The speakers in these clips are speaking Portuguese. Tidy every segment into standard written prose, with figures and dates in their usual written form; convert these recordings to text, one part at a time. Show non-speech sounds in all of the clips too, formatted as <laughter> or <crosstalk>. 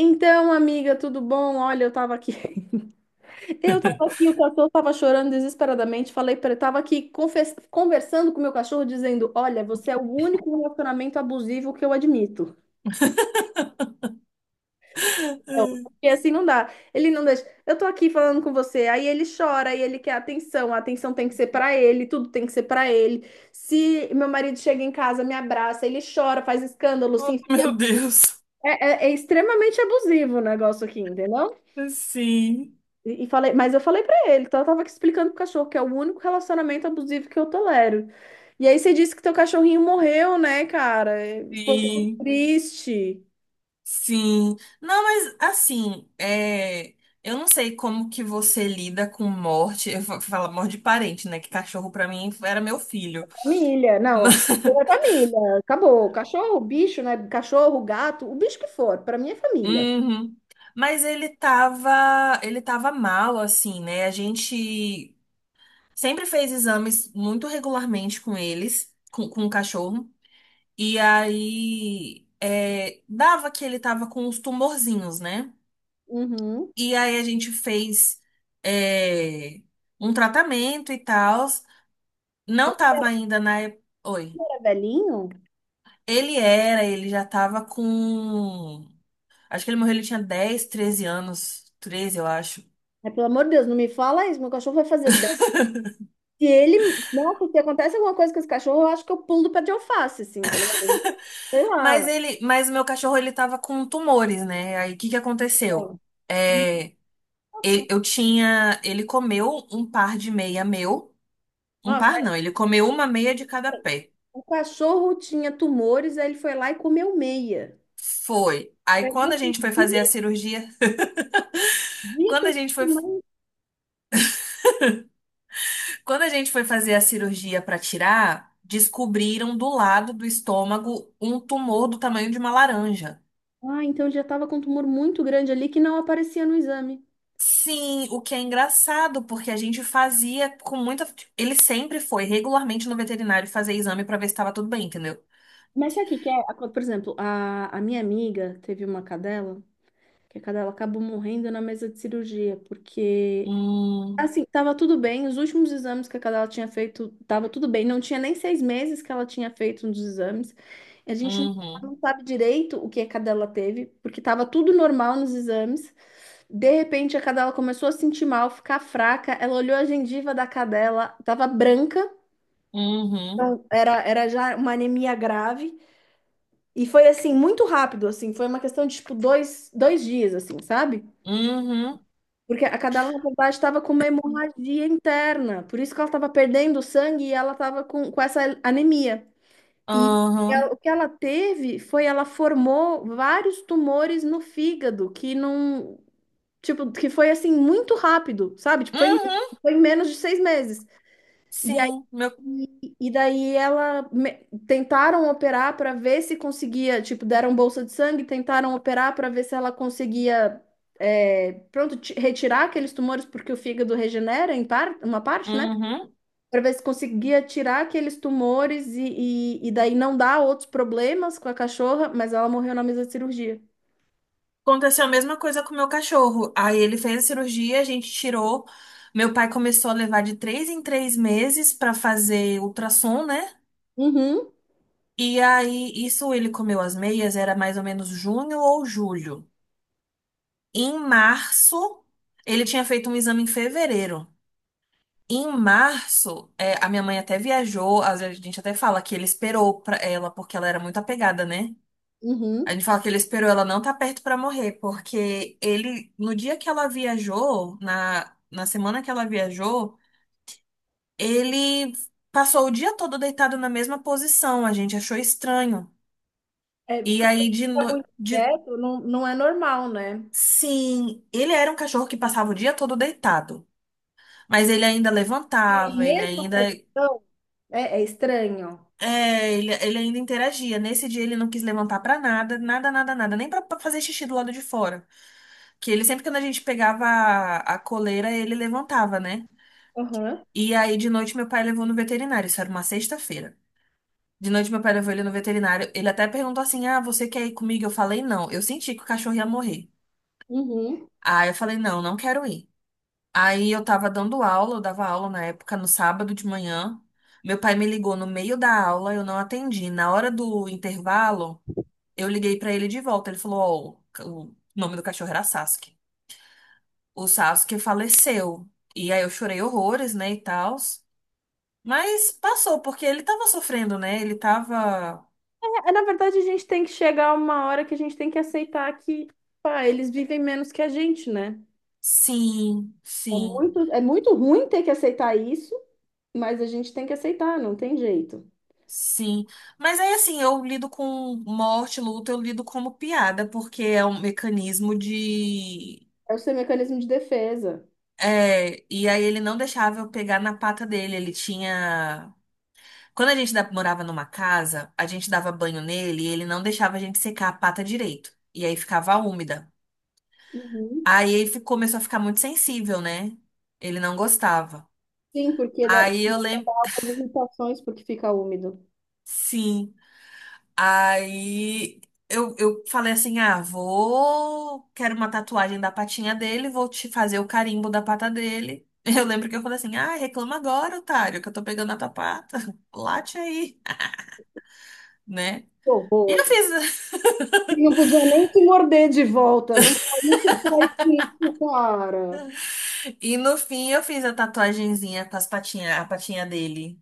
Então, amiga, tudo bom? Olha, eu tava aqui. <laughs> Eu tava aqui, o cachorro tava chorando desesperadamente. Falei para ele, tava aqui conversando com o meu cachorro, dizendo: "Olha, você é o único relacionamento abusivo que eu admito." <laughs> Porque assim não dá. Ele não deixa. Eu tô aqui falando com você, aí ele chora, e ele quer atenção. A atenção tem que ser para ele, tudo tem que ser para ele. Se meu marido chega em casa, me abraça, ele chora, faz escândalo, Oh, se enfia. meu Deus. É extremamente abusivo o negócio aqui, entendeu? Sim, E falei, mas eu falei pra ele, então eu tava aqui explicando pro cachorro que é o único relacionamento abusivo que eu tolero. E aí você disse que teu cachorrinho morreu, né, cara? É. Pô, que sim, triste. sim. Não, mas assim, é, eu não sei como que você lida com morte. Eu falo morte de parente, né? Que cachorro pra mim era meu filho. <laughs> Família, não, Mas, é família, acabou. Cachorro, bicho, né? Cachorro, gato, o bicho que for, pra mim é família. Uhum. Mas ele tava mal, assim, né? A gente sempre fez exames muito regularmente com eles, com o cachorro. E aí, é, dava que ele tava com uns tumorzinhos, né? Uhum. E aí a gente fez, é, um tratamento e tal. Não tava ainda na. Oi. É velhinho? Ele era, ele já tava com. Acho que ele morreu, ele tinha 10, 13 anos. 13 eu acho. É, pelo amor de Deus, não me fala isso, meu cachorro vai fazer 10. Se ele, Nossa, se acontece alguma coisa com esse cachorro, eu acho que eu pulo do pé de alface, assim, tá ligado? Sei Mas lá. ele, mas o meu cachorro, ele tava com tumores, né? Aí o que que aconteceu? É. É, ele comeu um par de meia meu. Um Nossa. par não, ele comeu uma meia de cada pé. O cachorro tinha tumores, aí ele foi lá e comeu meia. Foi. Aí Eu quando a não gente foi fazer a cirurgia, <laughs> quando a acredito, gente foi, mas... quando a gente foi fazer a cirurgia para tirar, descobriram do lado do estômago um tumor do tamanho de uma laranja. Ah, então ele já estava com um tumor muito grande ali que não aparecia no exame. Sim, o que é engraçado, porque a gente fazia com muita. Ele sempre foi regularmente no veterinário fazer exame para ver se estava tudo bem, entendeu? Mas sabe o que que é? Por exemplo, a minha amiga teve uma cadela, que a cadela acabou morrendo na mesa de cirurgia, porque Hum, assim, estava tudo bem. Os últimos exames que a cadela tinha feito, estava tudo bem. Não tinha nem 6 meses que ela tinha feito um dos exames. A gente não uhum, não sabe direito o que a cadela teve, porque estava tudo normal nos exames. De repente, a cadela começou a sentir mal, ficar fraca. Ela olhou a gengiva da cadela, estava branca, uhum, então era, era já uma anemia grave. E foi assim, muito rápido, assim. Foi uma questão de, tipo, dois dias, assim, sabe? uhum, Porque a cadela, na verdade, estava com uma hemorragia interna, por isso que ela estava perdendo sangue e ela estava com, essa anemia. E uhum, o que ela teve foi, ela formou vários tumores no fígado, que não, tipo, que foi assim muito rápido, sabe? Tipo, foi, uhum. foi em menos de 6 meses. E Sim, meu. e daí tentaram operar para ver se conseguia, tipo, deram bolsa de sangue, tentaram operar para ver se ela conseguia, é, pronto, retirar aqueles tumores, porque o fígado regenera em par, uma parte, né? Uhum. Para ver se conseguia tirar aqueles tumores e daí não dar outros problemas com a cachorra, mas ela morreu na mesa de cirurgia. Aconteceu a mesma coisa com o meu cachorro. Aí ele fez a cirurgia, a gente tirou. Meu pai começou a levar de três em três meses pra fazer ultrassom, né? Uhum, E aí, isso ele comeu as meias, era mais ou menos junho ou julho. Em março, ele tinha feito um exame em fevereiro. Em março, é, a minha mãe até viajou, às vezes a gente até fala que ele esperou pra ela, porque ela era muito apegada, né? uhum. Aí ele fala que ele esperou ela não estar perto pra morrer, porque ele, no dia que ela viajou, na semana que ela viajou, ele passou o dia todo deitado na mesma posição. A gente achou estranho. É, o E cachorro aí, de, fica no- muito de, quieto, não é normal, né? sim, ele era um cachorro que passava o dia todo deitado, mas ele ainda É a levantava, ele mesma ainda. posição? É, é estranho. É, ele ainda interagia. Nesse dia ele não quis levantar pra nada, nada, nada, nada, nem pra fazer xixi do lado de fora. Que ele sempre quando a gente pegava a coleira, ele levantava, né? Uhum. E aí de noite meu pai levou no veterinário, isso era uma sexta-feira. De noite meu pai levou ele no veterinário, ele até perguntou assim: "Ah, você quer ir comigo?" Eu falei: "Não, eu senti que o cachorro ia morrer". Uhum. Aí eu falei: "Não, não quero ir". Aí eu tava dando aula, eu dava aula na época no sábado de manhã. Meu pai me ligou no meio da aula, eu não atendi. Na hora do intervalo, eu liguei pra ele de volta. Ele falou, ó, o nome do cachorro era Sasuke. O Sasuke faleceu. E aí eu chorei horrores, né, e tal. Mas passou, porque ele tava sofrendo, né? Ele tava. É, na verdade, a gente tem que chegar a uma hora que a gente tem que aceitar que, pá, eles vivem menos que a gente, né? Sim, sim, É muito ruim ter que aceitar isso, mas a gente tem que aceitar, não tem jeito. sim. Mas aí, assim, eu lido com morte, luto, eu lido como piada, porque é um mecanismo de. É o seu mecanismo de defesa. É, e aí ele não deixava eu pegar na pata dele. Ele tinha. Quando a gente morava numa casa, a gente dava banho nele e ele não deixava a gente secar a pata direito. E aí ficava úmida. Uhum. Aí ele começou a ficar muito sensível, né? Ele não gostava. Sim, porque dá Aí eu as lembro. irritações porque fica úmido. Sim. Aí eu falei assim: ah, vou. Quero uma tatuagem da patinha dele, vou te fazer o carimbo da pata dele. <laughs> Eu lembro que eu falei assim: ah, reclama agora, otário, que eu tô pegando a tua pata. <laughs> Late aí, né? Que E horror. eu fiz. Ele não podia nem se morder de volta. Não não se faz isso, cara. E no fim eu fiz a tatuagenzinha com as patinhas, a patinha dele.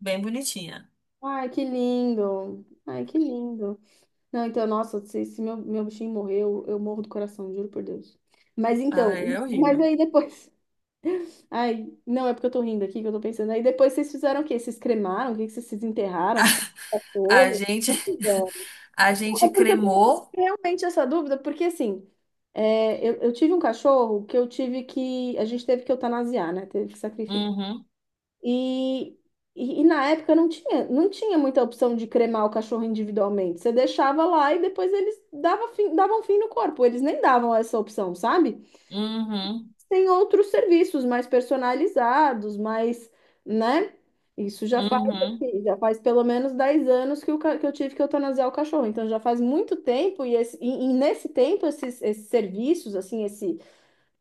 Bem bonitinha. Ai, que lindo. Ai, que lindo. Não, então, nossa, se, se meu bichinho morrer, eu morro do coração, juro por Deus. Mas Ai, então, é <laughs> mas horrível. aí depois. Ai, não, é porque eu tô rindo aqui que eu tô pensando. Aí depois vocês fizeram o quê? Vocês cremaram? O que que vocês desenterraram? Ficaram <laughs> com A, cachorro? gente O que fizeram? a gente É porque eu tenho cremou. realmente essa dúvida, porque assim, é, eu tive um cachorro que eu tive que. A gente teve que eutanasiar, né? Teve que sacrificar. Uhum, E, e na época não tinha muita opção de cremar o cachorro individualmente. Você deixava lá e depois eles davam fim no corpo. Eles nem davam essa opção, sabe? uhum, Tem outros serviços mais personalizados, mais, né? Isso já faz, uhum, assim, já faz pelo menos 10 anos que, que eu tive que eutanasiar o cachorro. Então já faz muito tempo e, e nesse tempo esses, serviços, assim, esse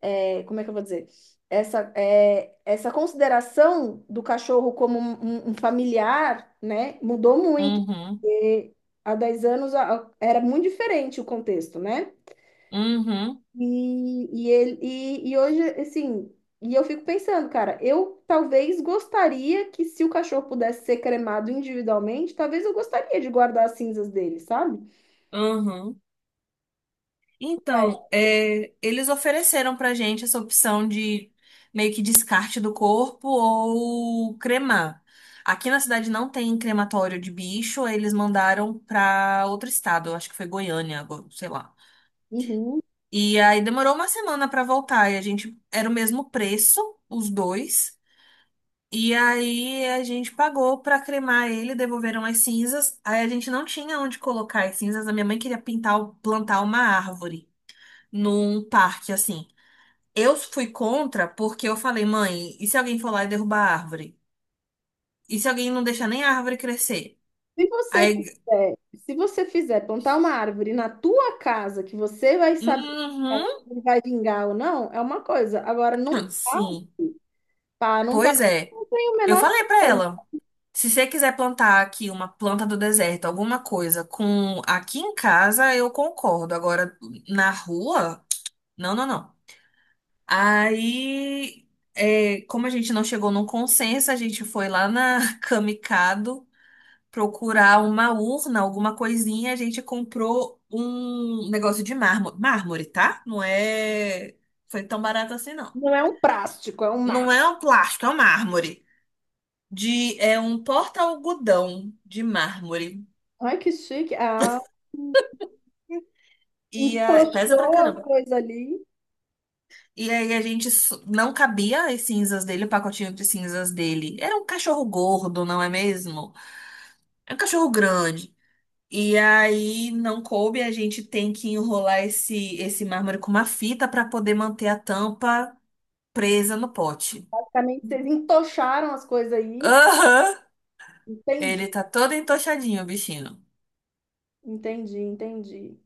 é, como é que eu vou dizer? Essa consideração do cachorro como um, um familiar, né, mudou muito. uhum, Porque há 10 anos era muito diferente o contexto, né? uhum, uhum. E hoje, assim, e eu fico pensando, cara, eu talvez gostaria que se o cachorro pudesse ser cremado individualmente, talvez eu gostaria de guardar as cinzas dele, sabe? Uhum. Então, é, eles ofereceram pra gente essa opção de meio que descarte do corpo ou cremar. Aqui na cidade não tem crematório de bicho, eles mandaram pra outro estado, eu acho que foi Goiânia, agora, sei lá. Uhum. E aí demorou uma semana pra voltar e a gente era o mesmo preço, os dois. E aí a gente pagou pra cremar ele, devolveram as cinzas. Aí a gente não tinha onde colocar as cinzas, a minha mãe queria pintar, plantar uma árvore num parque assim. Eu fui contra porque eu falei, mãe, e se alguém for lá e derrubar a árvore? E se alguém não deixar nem a árvore crescer? Se você Aí, fizer, se você fizer plantar uma árvore na tua casa, que você vai saber se ela uhum, vai vingar ou não, é uma coisa. Agora, num <laughs> parque, sim. pá, num Pois parque, é. não tem o Eu menor falei pra controle. ela, se você quiser plantar aqui uma planta do deserto, alguma coisa com aqui em casa, eu concordo. Agora, na rua, não, não, não. Aí, é, como a gente não chegou num consenso, a gente foi lá na <laughs> Camicado procurar uma urna, alguma coisinha, a gente comprou um negócio de mármore. Mármore, tá? Não é. Foi tão barato assim, não. Não é um plástico, é um mar. Não é um plástico, é um mármore. De... É um porta-algodão de mármore. Ai, que chique. Ah, E ah, pesa pra entochou as caramba. coisas ali. E aí a gente não cabia as cinzas dele, o pacotinho de cinzas dele. Era um cachorro gordo, não é mesmo? É um cachorro grande. E aí não coube, a gente tem que enrolar esse mármore com uma fita para poder manter a tampa presa no pote. Basicamente, vocês entocharam as coisas aí. Aham! Entendi, Ele tá todo entochadinho, o bichinho. entendi, entendi.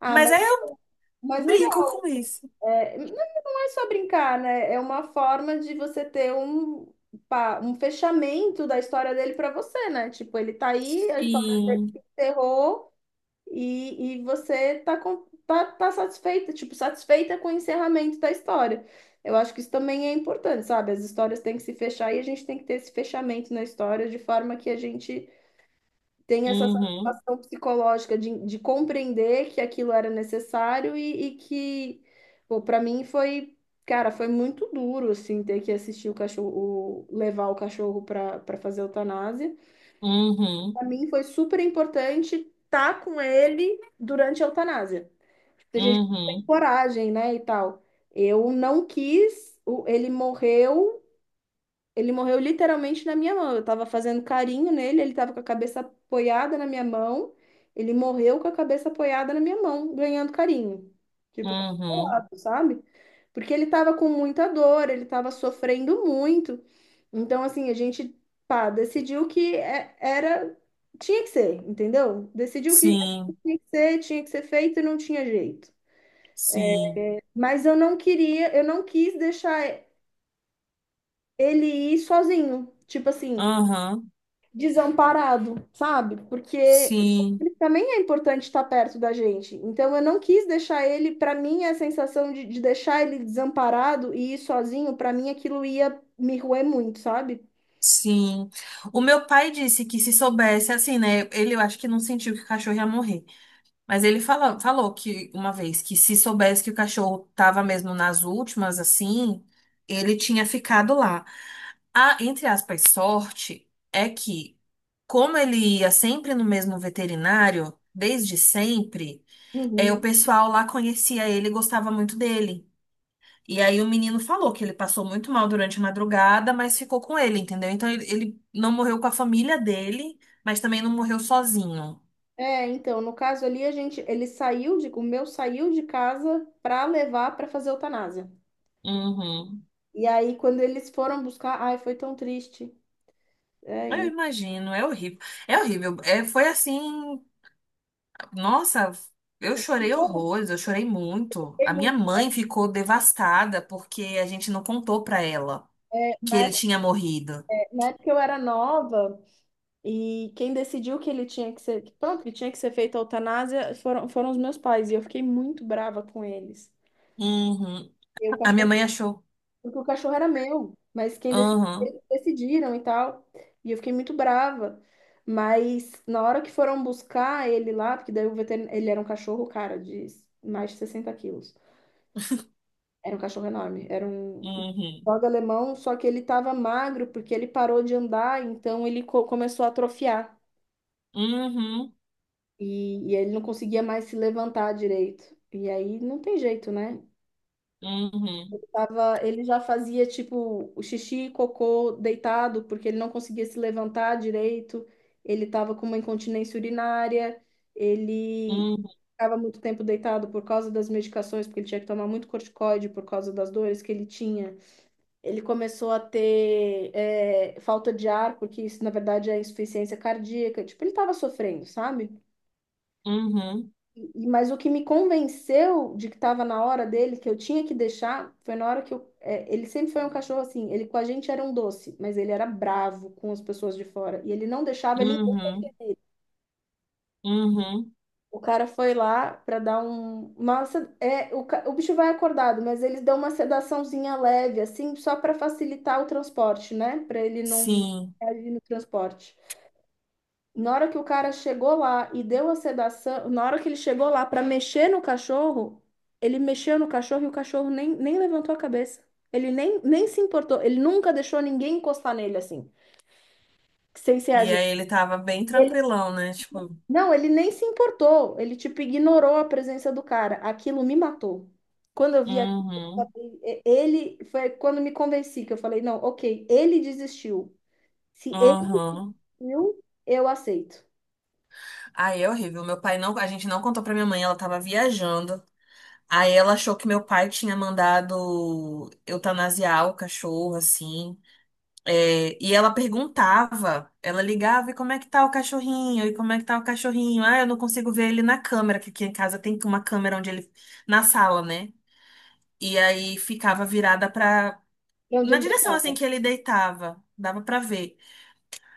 Ah, Mas aí eu mas legal. brinco com isso. É, não é só brincar, né? É uma forma de você ter um, um fechamento da história dele para você, né? Tipo, ele tá aí, a história dele se Sim. encerrou e você tá satisfeita, tipo, satisfeita com o encerramento da história. Eu acho que isso também é importante, sabe? As histórias têm que se fechar e a gente tem que ter esse fechamento na história de forma que a gente tem essa Uhum. satisfação psicológica de, compreender que aquilo era necessário e que, pô, para mim foi, cara, foi muito duro, assim, ter que assistir o cachorro, levar o cachorro para fazer a eutanásia. Uhum. Para mim foi super importante estar com ele durante a eutanásia. Tem gente que não tem Uhum. coragem, né, e tal. Eu não quis, ele morreu literalmente na minha mão. Eu tava fazendo carinho nele, ele tava com a cabeça apoiada na minha mão. Ele morreu com a cabeça apoiada na minha mão, ganhando carinho. Tipo, Uhum. consolado, sabe? Porque ele tava com muita dor, ele tava sofrendo muito. Então, assim, a gente, pá, decidiu que era. Tinha que ser, entendeu? Decidiu que Sim. tinha que ser feito e não tinha jeito. Sim. Mas eu não queria, eu não quis deixar ele ir sozinho. Tipo assim, Uhum. desamparado, sabe? Porque Sim. ele também é importante estar perto da gente. Então eu não quis deixar ele, para mim, a sensação de deixar ele desamparado e ir sozinho, para mim aquilo ia me roer muito, sabe? Sim. O meu pai disse que se soubesse, assim, né? Ele eu acho que não sentiu que o cachorro ia morrer. Mas ele falou que uma vez que se soubesse que o cachorro tava mesmo nas últimas, assim, ele tinha ficado lá. A, entre aspas, sorte é que, como ele ia sempre no mesmo veterinário, desde sempre, é, o Uhum. pessoal lá conhecia ele e gostava muito dele. E aí o menino falou que ele passou muito mal durante a madrugada, mas ficou com ele, entendeu? Então ele não morreu com a família dele, mas também não morreu sozinho. É, então, no caso ali a gente, ele saiu de, o meu saiu de casa para levar para fazer eutanásia. Uhum. E aí quando eles foram buscar, ai, foi tão triste. É, Eu e- imagino, é horrível. É horrível. É, foi assim, nossa, eu chorei Pô, horrores, eu chorei eu muito. A fiquei minha muito. mãe ficou devastada porque a gente não contou pra ela É. que Na ele época, tinha morrido. na época eu era nova. E quem decidiu que ele tinha que ser, que pronto, que tinha que ser feita a eutanásia foram os meus pais, e eu fiquei muito brava com eles. Uhum. Eu, A minha cachorro, mãe achou. porque o cachorro era meu, mas quem decidiu, Uhum, decidiram e tal. E eu fiquei muito brava. Mas na hora que foram buscar ele lá, porque daí o veterinário, ele era um cachorro, cara, de mais de 60 quilos. Era um cachorro enorme, era um uhum, dog alemão, só que ele tava magro porque ele parou de andar, então ele começou a atrofiar. uhum, E ele não conseguia mais se levantar direito. E aí não tem jeito, né? uhum, Tava, ele já fazia tipo o xixi e cocô deitado, porque ele não conseguia se levantar direito. Ele tava com uma incontinência urinária. Ele uhum, ficava muito tempo deitado por causa das medicações, porque ele tinha que tomar muito corticoide por causa das dores que ele tinha. Ele começou a ter é, falta de ar, porque isso na verdade é insuficiência cardíaca. Tipo, ele tava sofrendo, sabe? uhum, E- mas o que me convenceu de que estava na hora dele, que eu tinha que deixar, foi na hora que eu. É, ele sempre foi um cachorro assim. Ele com a gente era um doce, mas ele era bravo com as pessoas de fora. E ele não deixava ninguém. uhum, uhum. O cara foi lá para dar um. Nossa, é, o bicho vai acordado, mas eles dão uma sedaçãozinha leve, assim, só para facilitar o transporte, né? Para ele não Sim. reagir no transporte. Na hora que o cara chegou lá e deu a sedação, na hora que ele chegou lá para mexer no cachorro, ele mexeu no cachorro e o cachorro nem levantou a cabeça. Ele nem se importou. Ele nunca deixou ninguém encostar nele assim, sem ser a E gente. aí ele tava bem Ele, tranquilão, né? Tipo, não, ele nem se importou. Ele, tipo, ignorou a presença do cara. Aquilo me matou. Quando eu vi aquilo, uhum, ele foi quando me convenci que eu falei, não, ok, ele desistiu. Se ele uhum. viu, eu aceito. Aí é horrível. Meu pai não, a gente não contou pra minha mãe, ela tava viajando. Aí ela achou que meu pai tinha mandado eutanasiar o cachorro, assim. É, e ela perguntava, ela ligava, e como é que tá o cachorrinho? E como é que tá o cachorrinho? Ah, eu não consigo ver ele na câmera, que aqui em casa tem uma câmera onde ele, na sala, né? E aí ficava virada pra, E onde na ele direção deitava? assim que ele deitava, dava pra ver.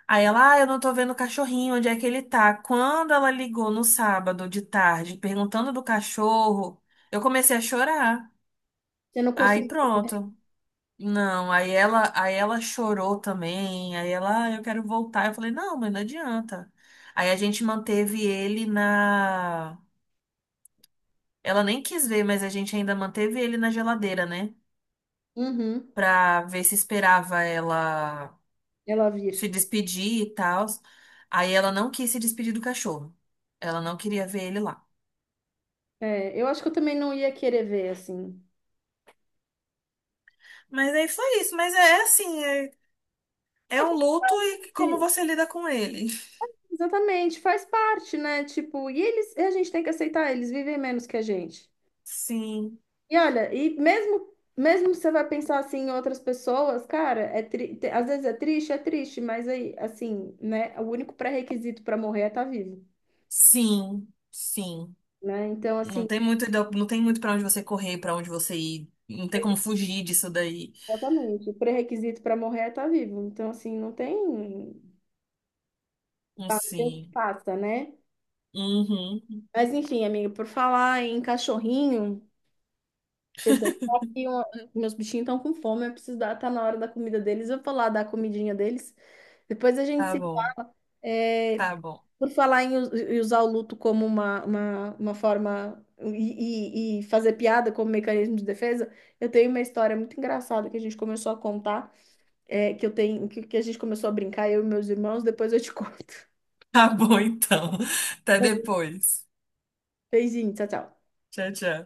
Aí ela, ah, eu não tô vendo o cachorrinho, onde é que ele tá? Quando ela ligou no sábado de tarde, perguntando do cachorro, eu comecei a chorar. Eu não Aí consigo. pronto. Não, aí ela chorou também. Aí ela, ah, eu quero voltar. Eu falei, não, mas não adianta. Aí a gente manteve ele na. Ela nem quis ver, mas a gente ainda manteve ele na geladeira, né? Uhum. Pra ver se esperava ela Ela se vir. despedir e tal. Aí ela não quis se despedir do cachorro. Ela não queria ver ele lá. É, eu acho que eu também não ia querer ver, assim. Mas aí foi isso. Mas é assim, é, é Ah, um luto e como porque você lida com ele. exatamente, faz parte, né? Tipo, e eles, a gente tem que aceitar, eles vivem menos que a gente. Sim, E olha, e mesmo, mesmo você vai pensar assim em outras pessoas, cara, é às vezes é triste, mas aí, assim, né? O único pré-requisito para morrer é estar vivo, sim, sim. né? Então, Não assim, tem muito, não tem muito para onde você correr, para onde você ir. Não tem como fugir disso daí. exatamente, o pré-requisito para morrer é estar vivo. Então, assim, não tem, pá, não tem o que Sim. faça, né? Uhum. Mas enfim, amiga, por falar em cachorrinho. Só um, meus bichinhos estão com fome, eu preciso dar, tá na hora da comida deles, eu vou lá dar a comidinha deles. Depois a gente Tá se. bom, É, tá bom. por falar em em usar o luto como uma, uma forma e fazer piada como mecanismo de defesa, eu tenho uma história muito engraçada que a gente começou a contar, é, que eu tenho, que a gente começou a brincar, eu e meus irmãos, depois eu te <laughs> conto. <laughs> Tá bom, então. <laughs> Até depois. Beijinho, tchau, tchau. Tchau, tchau.